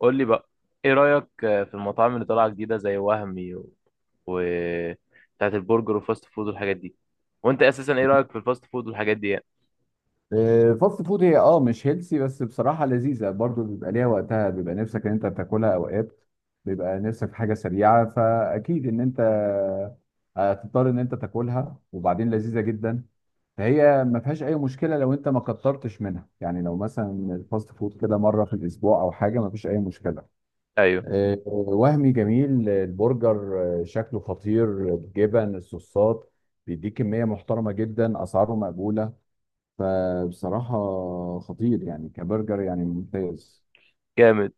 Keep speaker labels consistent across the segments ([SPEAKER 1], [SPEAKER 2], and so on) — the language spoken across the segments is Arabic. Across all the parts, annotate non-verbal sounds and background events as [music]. [SPEAKER 1] قول لي بقى، ايه رأيك في المطاعم اللي طالعة جديدة زي وهمي و بتاعت البرجر والفاست فود والحاجات دي؟ وانت اساسا ايه رأيك في الفاست فود والحاجات دي يعني؟
[SPEAKER 2] فاست فود هي مش هيلسي، بس بصراحة لذيذة برضو، بيبقى ليها وقتها، بيبقى نفسك ان انت تاكلها اوقات. بيبقى نفسك في حاجة سريعة، فاكيد ان انت هتضطر ان انت تاكلها، وبعدين لذيذة جدا. فهي ما فيهاش اي مشكلة لو انت ما كترتش منها، يعني لو مثلا الفاست فود كده مرة في الاسبوع او حاجة، ما فيش اي مشكلة.
[SPEAKER 1] ايوه.
[SPEAKER 2] وهمي جميل، البرجر شكله خطير، الجبن، الصوصات، بيديك كمية محترمة جدا، اسعاره مقبولة. فبصراحة خطير يعني، كبرجر يعني ممتاز.
[SPEAKER 1] جامد.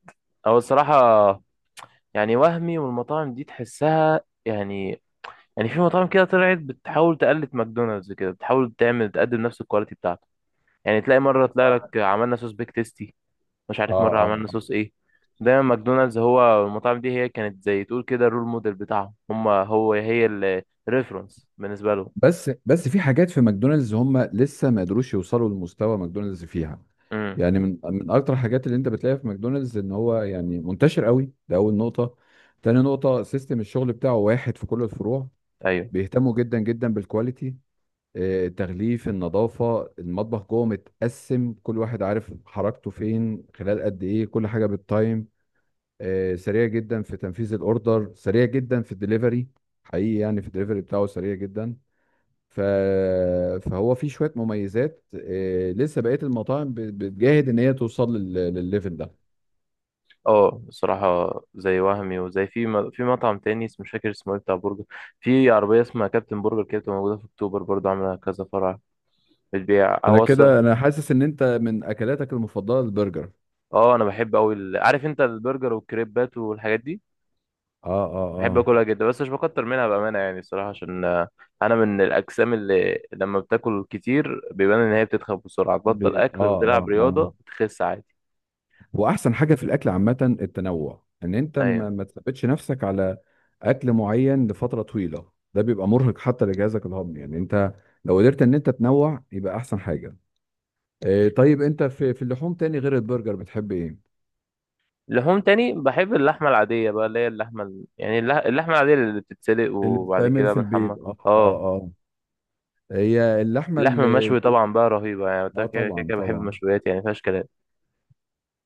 [SPEAKER 1] او الصراحة، يعني وهمي والمطاعم دي تحسها يعني، يعني في مطاعم كده طلعت بتحاول تقلد ماكدونالدز، كده بتحاول تعمل تقدم نفس الكواليتي بتاعته. يعني تلاقي مرة، تلاقي لك
[SPEAKER 2] اه
[SPEAKER 1] عملنا صوص بيك تيستي، مش
[SPEAKER 2] اه
[SPEAKER 1] عارف، مرة عملنا
[SPEAKER 2] آه.
[SPEAKER 1] صوص ايه. دايما ماكدونالدز هو المطاعم دي، هي كانت زي تقول كده الرول موديل بتاعهم. هم هو هي الريفرنس بالنسبة لهم.
[SPEAKER 2] بس في حاجات في ماكدونالدز هم لسه ما قدروش يوصلوا لمستوى ماكدونالدز فيها.
[SPEAKER 1] امم،
[SPEAKER 2] يعني من اكتر الحاجات اللي انت بتلاقيها في ماكدونالدز ان هو يعني منتشر قوي، ده اول نقطة. تاني نقطة، سيستم الشغل بتاعه واحد في كل الفروع.
[SPEAKER 1] ايوه.
[SPEAKER 2] بيهتموا جدا جدا بالكواليتي، التغليف، النظافة، المطبخ جوه متقسم، كل واحد عارف حركته فين، خلال قد ايه كل حاجة بالتايم. سريع جدا في تنفيذ الاوردر، سريع جدا في الدليفري. حقيقي يعني في الدليفري بتاعه سريع جدا. ف... فهو فيه شوية مميزات، لسه بقية المطاعم بتجاهد ان هي توصل للليفل ده.
[SPEAKER 1] اه، الصراحة زي وهمي وزي في مطعم تاني اسمه، مش فاكر اسمه ايه، بتاع برجر. في عربية اسمها كابتن برجر كده، بتبقى موجودة في اكتوبر، برضه عاملة كذا فرع. بتبيع
[SPEAKER 2] انا
[SPEAKER 1] او أص-
[SPEAKER 2] كده، انا حاسس ان انت من اكلاتك المفضلة البرجر.
[SPEAKER 1] اه انا بحب اوي عارف انت، البرجر والكريبات والحاجات دي.
[SPEAKER 2] اه اه
[SPEAKER 1] بحب
[SPEAKER 2] اه.
[SPEAKER 1] اكلها جدا بس مش بكتر منها بامانه يعني، الصراحه عشان انا من الاجسام اللي لما بتاكل كتير بيبان ان هي بتتخن بسرعه. تبطل اكل
[SPEAKER 2] اه
[SPEAKER 1] وتلعب
[SPEAKER 2] اه اه.
[SPEAKER 1] رياضه بتخس عادي.
[SPEAKER 2] واحسن حاجه في الاكل عامه التنوع، ان انت ما
[SPEAKER 1] ايوه.
[SPEAKER 2] ما تثبتش نفسك على اكل معين لفتره طويله، ده بيبقى مرهق حتى لجهازك الهضمي، يعني انت لو قدرت ان انت تنوع يبقى احسن حاجه. إيه طيب انت في اللحوم تاني غير البرجر بتحب ايه؟
[SPEAKER 1] لحوم تاني بحب اللحمه العاديه بقى، اللي هي اللحمه اللحمه العاديه اللي بتتسلق
[SPEAKER 2] اللي
[SPEAKER 1] وبعد
[SPEAKER 2] بتتعمل
[SPEAKER 1] كده
[SPEAKER 2] في
[SPEAKER 1] بنحمر.
[SPEAKER 2] البيت، اه اه
[SPEAKER 1] اه.
[SPEAKER 2] اه. هي اللحمه
[SPEAKER 1] اللحم
[SPEAKER 2] اللي
[SPEAKER 1] المشوي
[SPEAKER 2] البيت.
[SPEAKER 1] طبعا بقى رهيبه يعني، ده
[SPEAKER 2] اه
[SPEAKER 1] كده كده
[SPEAKER 2] طبعا
[SPEAKER 1] كده بحب
[SPEAKER 2] طبعا.
[SPEAKER 1] المشويات يعني، مفيهاش كلام.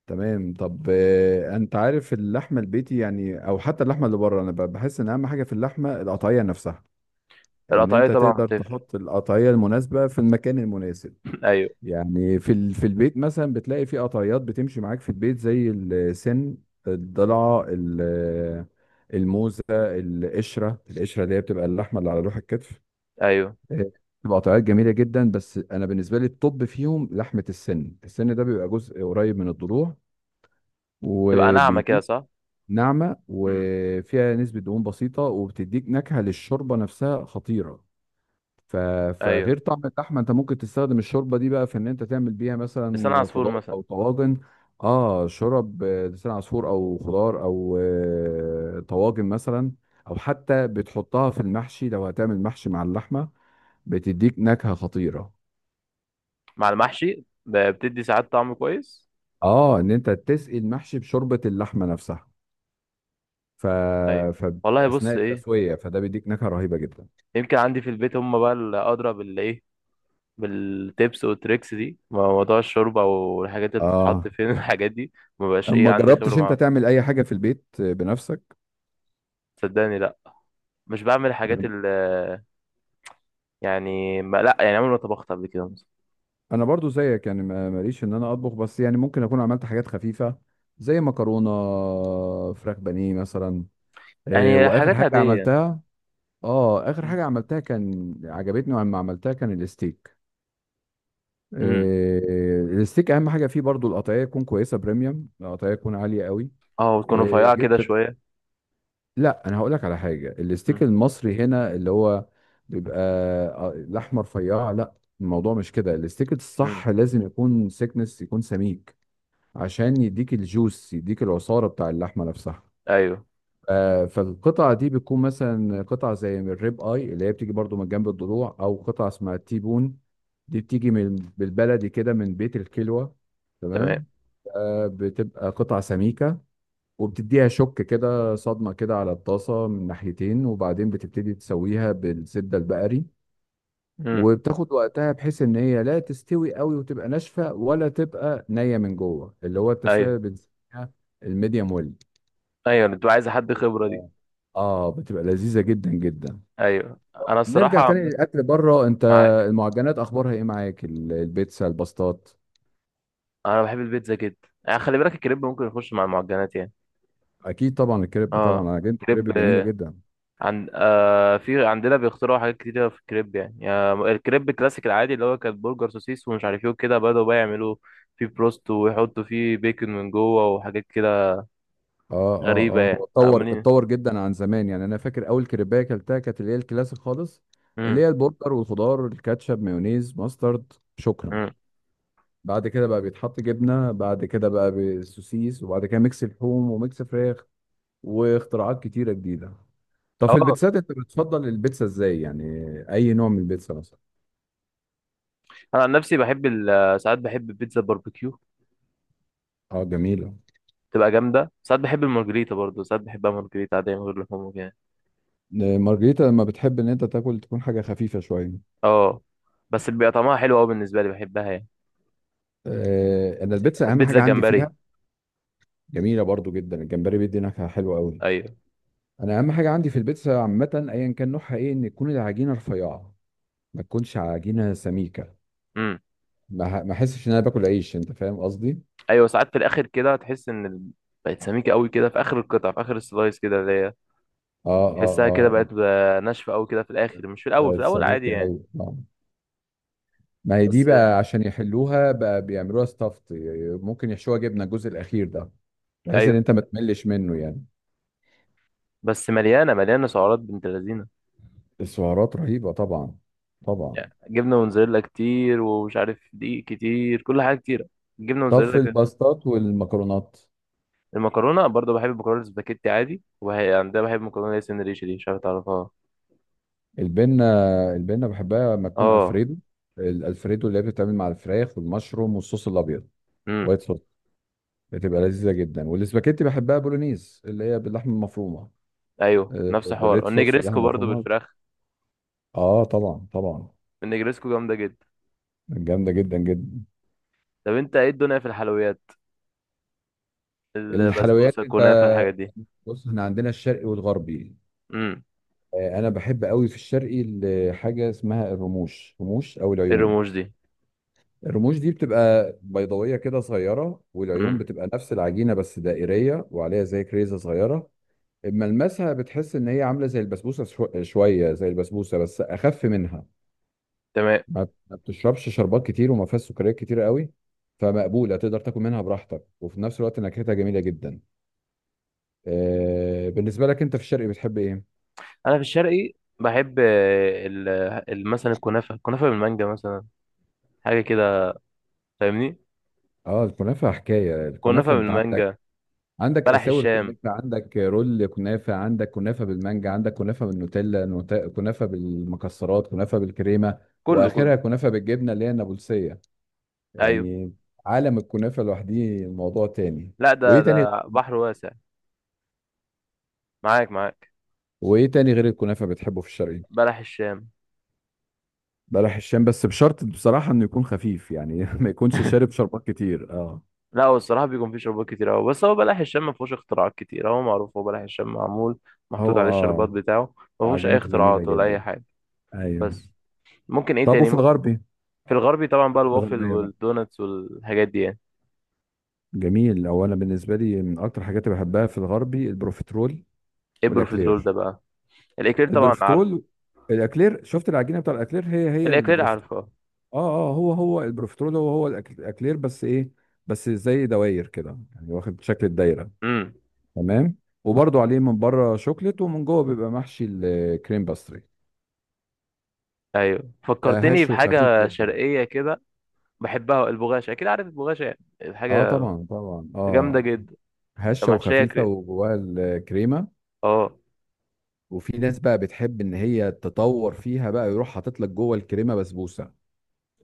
[SPEAKER 2] تمام. طب انت عارف اللحمه البيتي يعني، او حتى اللحمه اللي بره، انا بحس ان اهم حاجه في اللحمه القطعيه نفسها، ان
[SPEAKER 1] القطعيه
[SPEAKER 2] انت
[SPEAKER 1] طبعا
[SPEAKER 2] تقدر
[SPEAKER 1] بتفرق.
[SPEAKER 2] تحط القطعيه المناسبه في المكان المناسب.
[SPEAKER 1] [clears throat] [laughs] ايوه.
[SPEAKER 2] يعني في في البيت مثلا بتلاقي في قطعيات بتمشي معاك في البيت زي السن، الضلعه الموزه، القشره، القشره اللي هي بتبقى اللحمه اللي على لوح الكتف.
[SPEAKER 1] ايوه،
[SPEAKER 2] آه، بتبقى قطعيات جميله جدا، بس انا بالنسبه لي الطب فيهم لحمه السن، السن ده بيبقى جزء قريب من الضلوع،
[SPEAKER 1] تبقى ناعمه كده،
[SPEAKER 2] وبيديك
[SPEAKER 1] صح.
[SPEAKER 2] ناعمه
[SPEAKER 1] امم.
[SPEAKER 2] وفيها نسبه دهون بسيطه، وبتديك نكهه للشوربه نفسها خطيره. ف...
[SPEAKER 1] ايوه،
[SPEAKER 2] فغير طعم اللحمه، انت ممكن تستخدم الشوربه دي بقى في ان انت تعمل بيها
[SPEAKER 1] لسان
[SPEAKER 2] مثلا
[SPEAKER 1] عصفور
[SPEAKER 2] خضار
[SPEAKER 1] مثلا.
[SPEAKER 2] او طواجن. اه شرب آه، لسان عصفور او خضار او طواجن مثلا، او حتى بتحطها في المحشي لو هتعمل محشي مع اللحمه، بتديك نكهه خطيره.
[SPEAKER 1] مع المحشي بتدي ساعات طعم كويس.
[SPEAKER 2] اه ان انت تسقي المحشي بشوربه اللحمه نفسها ف...
[SPEAKER 1] ايوه.
[SPEAKER 2] ف
[SPEAKER 1] والله
[SPEAKER 2] اثناء
[SPEAKER 1] بص ايه،
[SPEAKER 2] التسويه، فده بيديك نكهه رهيبه جدا.
[SPEAKER 1] يمكن عندي في البيت هم بقى اللي ادرى بال ايه، بالتيبس والتريكس دي، موضوع الشوربه والحاجات اللي بتتحط
[SPEAKER 2] اه
[SPEAKER 1] فين [laughs] الحاجات دي. ما بقاش ايه
[SPEAKER 2] ما
[SPEAKER 1] عندي خبره
[SPEAKER 2] جربتش انت
[SPEAKER 1] معاها.
[SPEAKER 2] تعمل اي حاجه في البيت بنفسك؟
[SPEAKER 1] صدقني لا، مش بعمل حاجات يعني ما لا يعني عمري ما طبخت قبل كده مثلا.
[SPEAKER 2] انا برضو زيك يعني ماليش ان انا اطبخ، بس يعني ممكن اكون عملت حاجات خفيفه، زي مكرونه، فراخ بانيه مثلا. إيه
[SPEAKER 1] يعني
[SPEAKER 2] واخر
[SPEAKER 1] حاجات
[SPEAKER 2] حاجه
[SPEAKER 1] عاديه.
[SPEAKER 2] عملتها؟ اه اخر حاجه عملتها كان عجبتني لما عملتها كان الستيك.
[SPEAKER 1] امم.
[SPEAKER 2] إيه الستيك اهم حاجه فيه برضو القطعيه تكون كويسه، بريميوم، القطعيه تكون عاليه قوي.
[SPEAKER 1] اه، وتكون
[SPEAKER 2] إيه
[SPEAKER 1] رفيعه كده
[SPEAKER 2] جبت.
[SPEAKER 1] شويه.
[SPEAKER 2] لا انا هقول لك على حاجه، الستيك
[SPEAKER 1] امم.
[SPEAKER 2] المصري هنا اللي هو بيبقى الاحمر رفيع، لا، الموضوع مش كده، الستيك الصح
[SPEAKER 1] امم،
[SPEAKER 2] لازم يكون سيكنس، يكون سميك، عشان يديك الجوس، يديك العصارة بتاع اللحمة نفسها.
[SPEAKER 1] ايوه.
[SPEAKER 2] فالقطعة دي بتكون مثلا قطعة زي من الريب اي، اللي هي بتيجي برضو من جنب الضلوع، او قطعة اسمها التيبون، دي بتيجي من بالبلدي كده من بيت الكلوة،
[SPEAKER 1] تمام.
[SPEAKER 2] تمام. بتبقى قطعة سميكة، وبتديها شك كده، صدمة كده على الطاسة من ناحيتين، وبعدين بتبتدي تسويها بالزبدة البقري،
[SPEAKER 1] امم،
[SPEAKER 2] وبتاخد وقتها بحيث ان هي لا تستوي قوي وتبقى ناشفه، ولا تبقى نيه من جوه، اللي هو
[SPEAKER 1] ايوه،
[SPEAKER 2] التسويه اللي بنسميها الميديم ويل.
[SPEAKER 1] ايوه. انت عايز حد خبره دي.
[SPEAKER 2] اه اه، بتبقى لذيذه جدا جدا.
[SPEAKER 1] ايوه، انا الصراحه
[SPEAKER 2] نرجع تاني للاكل بره. انت
[SPEAKER 1] معاك
[SPEAKER 2] المعجنات اخبارها ايه معاك؟ البيتزا، الباستات؟
[SPEAKER 1] انا بحب البيتزا جدا، يعني خلي بالك الكريب ممكن يخش مع المعجنات يعني.
[SPEAKER 2] اكيد طبعا، الكريب طبعا،
[SPEAKER 1] اه،
[SPEAKER 2] انا جبت كريب
[SPEAKER 1] الكريب
[SPEAKER 2] جميله جدا.
[SPEAKER 1] عندنا بيخترعوا حاجات كتيرة في الكريب يعني، الكريب الكلاسيك العادي اللي هو كان برجر سوسيس ومش عارف ايه وكده، بدأوا بقى يعملوا فيه بروست ويحطوا فيه بيكن من جوه وحاجات كده
[SPEAKER 2] اه اه
[SPEAKER 1] غريبة،
[SPEAKER 2] اه،
[SPEAKER 1] يعني
[SPEAKER 2] هو اتطور
[SPEAKER 1] عاملين.
[SPEAKER 2] اتطور جدا عن زمان، يعني انا فاكر اول كريبايه اكلتها كانت اللي هي الكلاسيك خالص، اللي
[SPEAKER 1] امم.
[SPEAKER 2] هي البرجر والخضار، الكاتشب، مايونيز، ماسترد، شكرا.
[SPEAKER 1] امم،
[SPEAKER 2] بعد كده بقى بيتحط جبنه، بعد كده بقى بالسوسيس، وبعد كده ميكس لحوم وميكس فراخ، واختراعات كتيره جديده. طب في
[SPEAKER 1] اه،
[SPEAKER 2] البيتزات انت بتفضل البيتزا ازاي يعني؟ اي نوع من البيتزا مثلا؟
[SPEAKER 1] انا عن نفسي بحب ساعات بحب البيتزا باربيكيو،
[SPEAKER 2] اه جميلة.
[SPEAKER 1] تبقى جامدة. ساعات بحب المارجريتا برضه، ساعات بحبها مارجريتا عادية من غير لحوم وكده.
[SPEAKER 2] مارجريتا لما بتحب ان انت تاكل تكون حاجة خفيفة شوية.
[SPEAKER 1] اه، بس بيبقى طعمها حلو قوي بالنسبة لي، بحبها يعني.
[SPEAKER 2] انا البيتزا اهم
[SPEAKER 1] بيتزا
[SPEAKER 2] حاجة عندي
[SPEAKER 1] جمبري.
[SPEAKER 2] فيها. جميلة برضو جدا، الجمبري بيدي نكهة حلوة قوي.
[SPEAKER 1] ايوه.
[SPEAKER 2] انا اهم حاجة عندي في البيتزا عامة، ايا كان نوعها ايه، ان تكون العجينة رفيعة، ما تكونش عجينة سميكة،
[SPEAKER 1] امم.
[SPEAKER 2] ما احسش ان انا باكل عيش، انت فاهم قصدي.
[SPEAKER 1] ايوه، ساعات في الاخر كده تحس ان بقت سميكه قوي كده في اخر القطع، في اخر السلايس كده، اللي هي
[SPEAKER 2] اه
[SPEAKER 1] تحسها
[SPEAKER 2] اه
[SPEAKER 1] كده
[SPEAKER 2] آه.
[SPEAKER 1] بقت ناشفه قوي كده في الاخر، مش في الاول، في
[SPEAKER 2] بقت
[SPEAKER 1] الاول عادي
[SPEAKER 2] سميكة
[SPEAKER 1] يعني.
[SPEAKER 2] أوي آه. ما هي دي
[SPEAKER 1] بس.
[SPEAKER 2] بقى عشان يحلوها بقى بيعملوها ستافت، ممكن يحشوها جبنة الجزء الأخير ده، بحيث إن
[SPEAKER 1] ايوه،
[SPEAKER 2] أنت ما تملش منه يعني.
[SPEAKER 1] بس مليانه مليانه سعرات بنت لذينه،
[SPEAKER 2] السعرات رهيبة طبعا. طبعا.
[SPEAKER 1] يعني جبنه موتزاريلا كتير ومش عارف دقيق كتير، كل حاجه كتيره، الجبنه
[SPEAKER 2] طب
[SPEAKER 1] موتزاريلا
[SPEAKER 2] في
[SPEAKER 1] كده.
[SPEAKER 2] الباستات والمكرونات.
[SPEAKER 1] المكرونه برضه بحب المكرونه السباكيتي عادي، وهي عندها بحب المكرونه اللي هي سن ريش دي، مش عارف تعرفها.
[SPEAKER 2] البنة، البنة بحبها لما تكون
[SPEAKER 1] اه.
[SPEAKER 2] ألفريدو. الألفريدو اللي هي بتتعمل مع الفراخ والمشروم والصوص الأبيض،
[SPEAKER 1] امم.
[SPEAKER 2] وايت صوص، بتبقى لذيذة جدا. والاسباجيتي بحبها بولونيز اللي هي باللحمة المفرومة،
[SPEAKER 1] ايوه، نفس حوار.
[SPEAKER 2] بالريد صوص، اللحمة
[SPEAKER 1] والنجريسكو برضه
[SPEAKER 2] المفرومة.
[SPEAKER 1] بالفراخ.
[SPEAKER 2] اه طبعا طبعا.
[SPEAKER 1] النجريسكو جامده جدا.
[SPEAKER 2] جامدة جدا جدا.
[SPEAKER 1] طب انت ايه الدنيا في الحلويات،
[SPEAKER 2] الحلويات
[SPEAKER 1] البسبوسه
[SPEAKER 2] انت،
[SPEAKER 1] الكنافه الحاجات دي؟
[SPEAKER 2] بص احنا عندنا الشرقي والغربي.
[SPEAKER 1] امم.
[SPEAKER 2] انا بحب قوي في الشرقي حاجه اسمها الرموش، رموش او
[SPEAKER 1] ايه
[SPEAKER 2] العيون.
[SPEAKER 1] الرموش دي؟
[SPEAKER 2] الرموش دي بتبقى بيضاويه كده صغيره، والعيون
[SPEAKER 1] امم.
[SPEAKER 2] بتبقى نفس العجينه بس دائريه وعليها زي كريزه صغيره. ملمسها بتحس ان هي عامله زي البسبوسه، شويه زي البسبوسه بس اخف منها.
[SPEAKER 1] تمام.
[SPEAKER 2] ما بتشربش شربات كتير وما فيهاش سكريات كتير قوي، فمقبوله تقدر تاكل منها براحتك، وفي نفس الوقت نكهتها جميله جدا. بالنسبه لك انت في الشرقي بتحب ايه؟
[SPEAKER 1] انا في الشرقي بحب مثلا الكنافه، الكنافه بالمانجا مثلا، حاجه كده، فاهمني.
[SPEAKER 2] اه الكنافه، حكايه
[SPEAKER 1] كنافه
[SPEAKER 2] الكنافه. انت عندك،
[SPEAKER 1] بالمانجا،
[SPEAKER 2] عندك
[SPEAKER 1] بلح
[SPEAKER 2] اساور
[SPEAKER 1] الشام،
[SPEAKER 2] كنافه، عندك رول كنافه، عندك كنافه بالمانجا، عندك كنافه بالنوتيلا، كنافه بالمكسرات، كنافه بالكريمه،
[SPEAKER 1] كله
[SPEAKER 2] واخرها
[SPEAKER 1] كله.
[SPEAKER 2] كنافه بالجبنه اللي هي النابلسيه.
[SPEAKER 1] ايوه.
[SPEAKER 2] يعني عالم الكنافه لوحده موضوع تاني.
[SPEAKER 1] لا،
[SPEAKER 2] وايه
[SPEAKER 1] ده
[SPEAKER 2] تاني؟
[SPEAKER 1] ده بحر واسع. معاك معاك.
[SPEAKER 2] وايه تاني غير الكنافه بتحبه في الشرقي؟
[SPEAKER 1] بلح الشام.
[SPEAKER 2] بلح الشام، بس بشرط بصراحه انه يكون خفيف يعني، [laughs] ما يكونش
[SPEAKER 1] [laughs]
[SPEAKER 2] شارب شربات كتير، اه.
[SPEAKER 1] لا، هو الصراحه بيكون فيه شربات كتير قوي، بس هو بلح الشام ما فيهوش اختراعات كتير، هو معروف، هو بلح الشام معمول، محطوط
[SPEAKER 2] هو
[SPEAKER 1] عليه الشربات
[SPEAKER 2] اه،
[SPEAKER 1] بتاعه. ما فيهوش اي
[SPEAKER 2] وعجينته جميله
[SPEAKER 1] اختراعات ولا اي
[SPEAKER 2] جدا،
[SPEAKER 1] حاجه،
[SPEAKER 2] ايوه.
[SPEAKER 1] بس. ممكن ايه
[SPEAKER 2] طب
[SPEAKER 1] تاني.
[SPEAKER 2] وفي الغربي.
[SPEAKER 1] في الغربي طبعا
[SPEAKER 2] في
[SPEAKER 1] بقى الوافل
[SPEAKER 2] الغربيه بقى
[SPEAKER 1] والدوناتس والحاجات دي يعني.
[SPEAKER 2] جميل، هو انا بالنسبه لي من اكتر حاجات اللي بحبها في الغربي البروفيترول،
[SPEAKER 1] ايه بروفيترول
[SPEAKER 2] والاكلير.
[SPEAKER 1] ده بقى؟ الاكلير طبعا عارف.
[SPEAKER 2] البروفيترول، الاكلير، شفت العجينه بتاع الاكلير هي هي
[SPEAKER 1] الاكلير
[SPEAKER 2] البروفيترول.
[SPEAKER 1] عارفه.
[SPEAKER 2] اه اه، هو هو البروفيترول، هو هو الاكلير، بس ايه، بس زي دواير كده يعني، واخد شكل الدايره،
[SPEAKER 1] امم.
[SPEAKER 2] تمام. وبرضو عليه من بره شوكليت ومن جوه بيبقى محشي الكريم باستري،
[SPEAKER 1] ايوه،
[SPEAKER 2] بقى
[SPEAKER 1] فكرتني
[SPEAKER 2] هش وخفيف
[SPEAKER 1] بحاجه
[SPEAKER 2] جدا.
[SPEAKER 1] شرقيه كده، بحبها البغاشه، اكيد عارف البغاشه، يعني
[SPEAKER 2] اه
[SPEAKER 1] الحاجه.
[SPEAKER 2] طبعا طبعا.
[SPEAKER 1] جامده
[SPEAKER 2] اه
[SPEAKER 1] جدا. طب
[SPEAKER 2] هشه
[SPEAKER 1] محشيه
[SPEAKER 2] وخفيفه
[SPEAKER 1] كري.
[SPEAKER 2] وجواها الكريمه.
[SPEAKER 1] اه،
[SPEAKER 2] وفي ناس بقى بتحب ان هي تطور فيها بقى، يروح حاطط لك جوه الكريمه بسبوسه،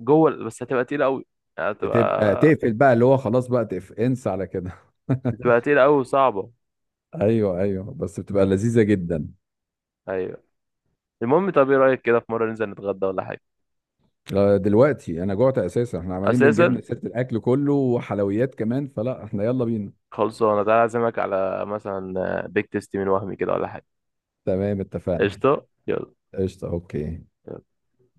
[SPEAKER 1] جوه بس هتبقى تقيله قوي.
[SPEAKER 2] بتبقى
[SPEAKER 1] هتبقى
[SPEAKER 2] تقفل بقى اللي هو خلاص بقى، تقف انسى على كده. [laughs]
[SPEAKER 1] بتبقى تقيله قوي وصعبه.
[SPEAKER 2] ايوه ايوه، بس بتبقى لذيذه جدا.
[SPEAKER 1] ايوه. المهم، طب ايه رايك كده في مره ننزل نتغدى ولا حاجه؟
[SPEAKER 2] دلوقتي انا جوعت اساسا، احنا عمالين
[SPEAKER 1] اساسا
[SPEAKER 2] بنجيبنا سيره الاكل كله وحلويات كمان، فلا احنا يلا بينا.
[SPEAKER 1] خلصانه، تعالى اعزمك على مثلا بيك تيستي من وهمي كده، ولا حاجه.
[SPEAKER 2] تمام اتفقنا.
[SPEAKER 1] قشطه، يلا.
[SPEAKER 2] قشطه اوكي.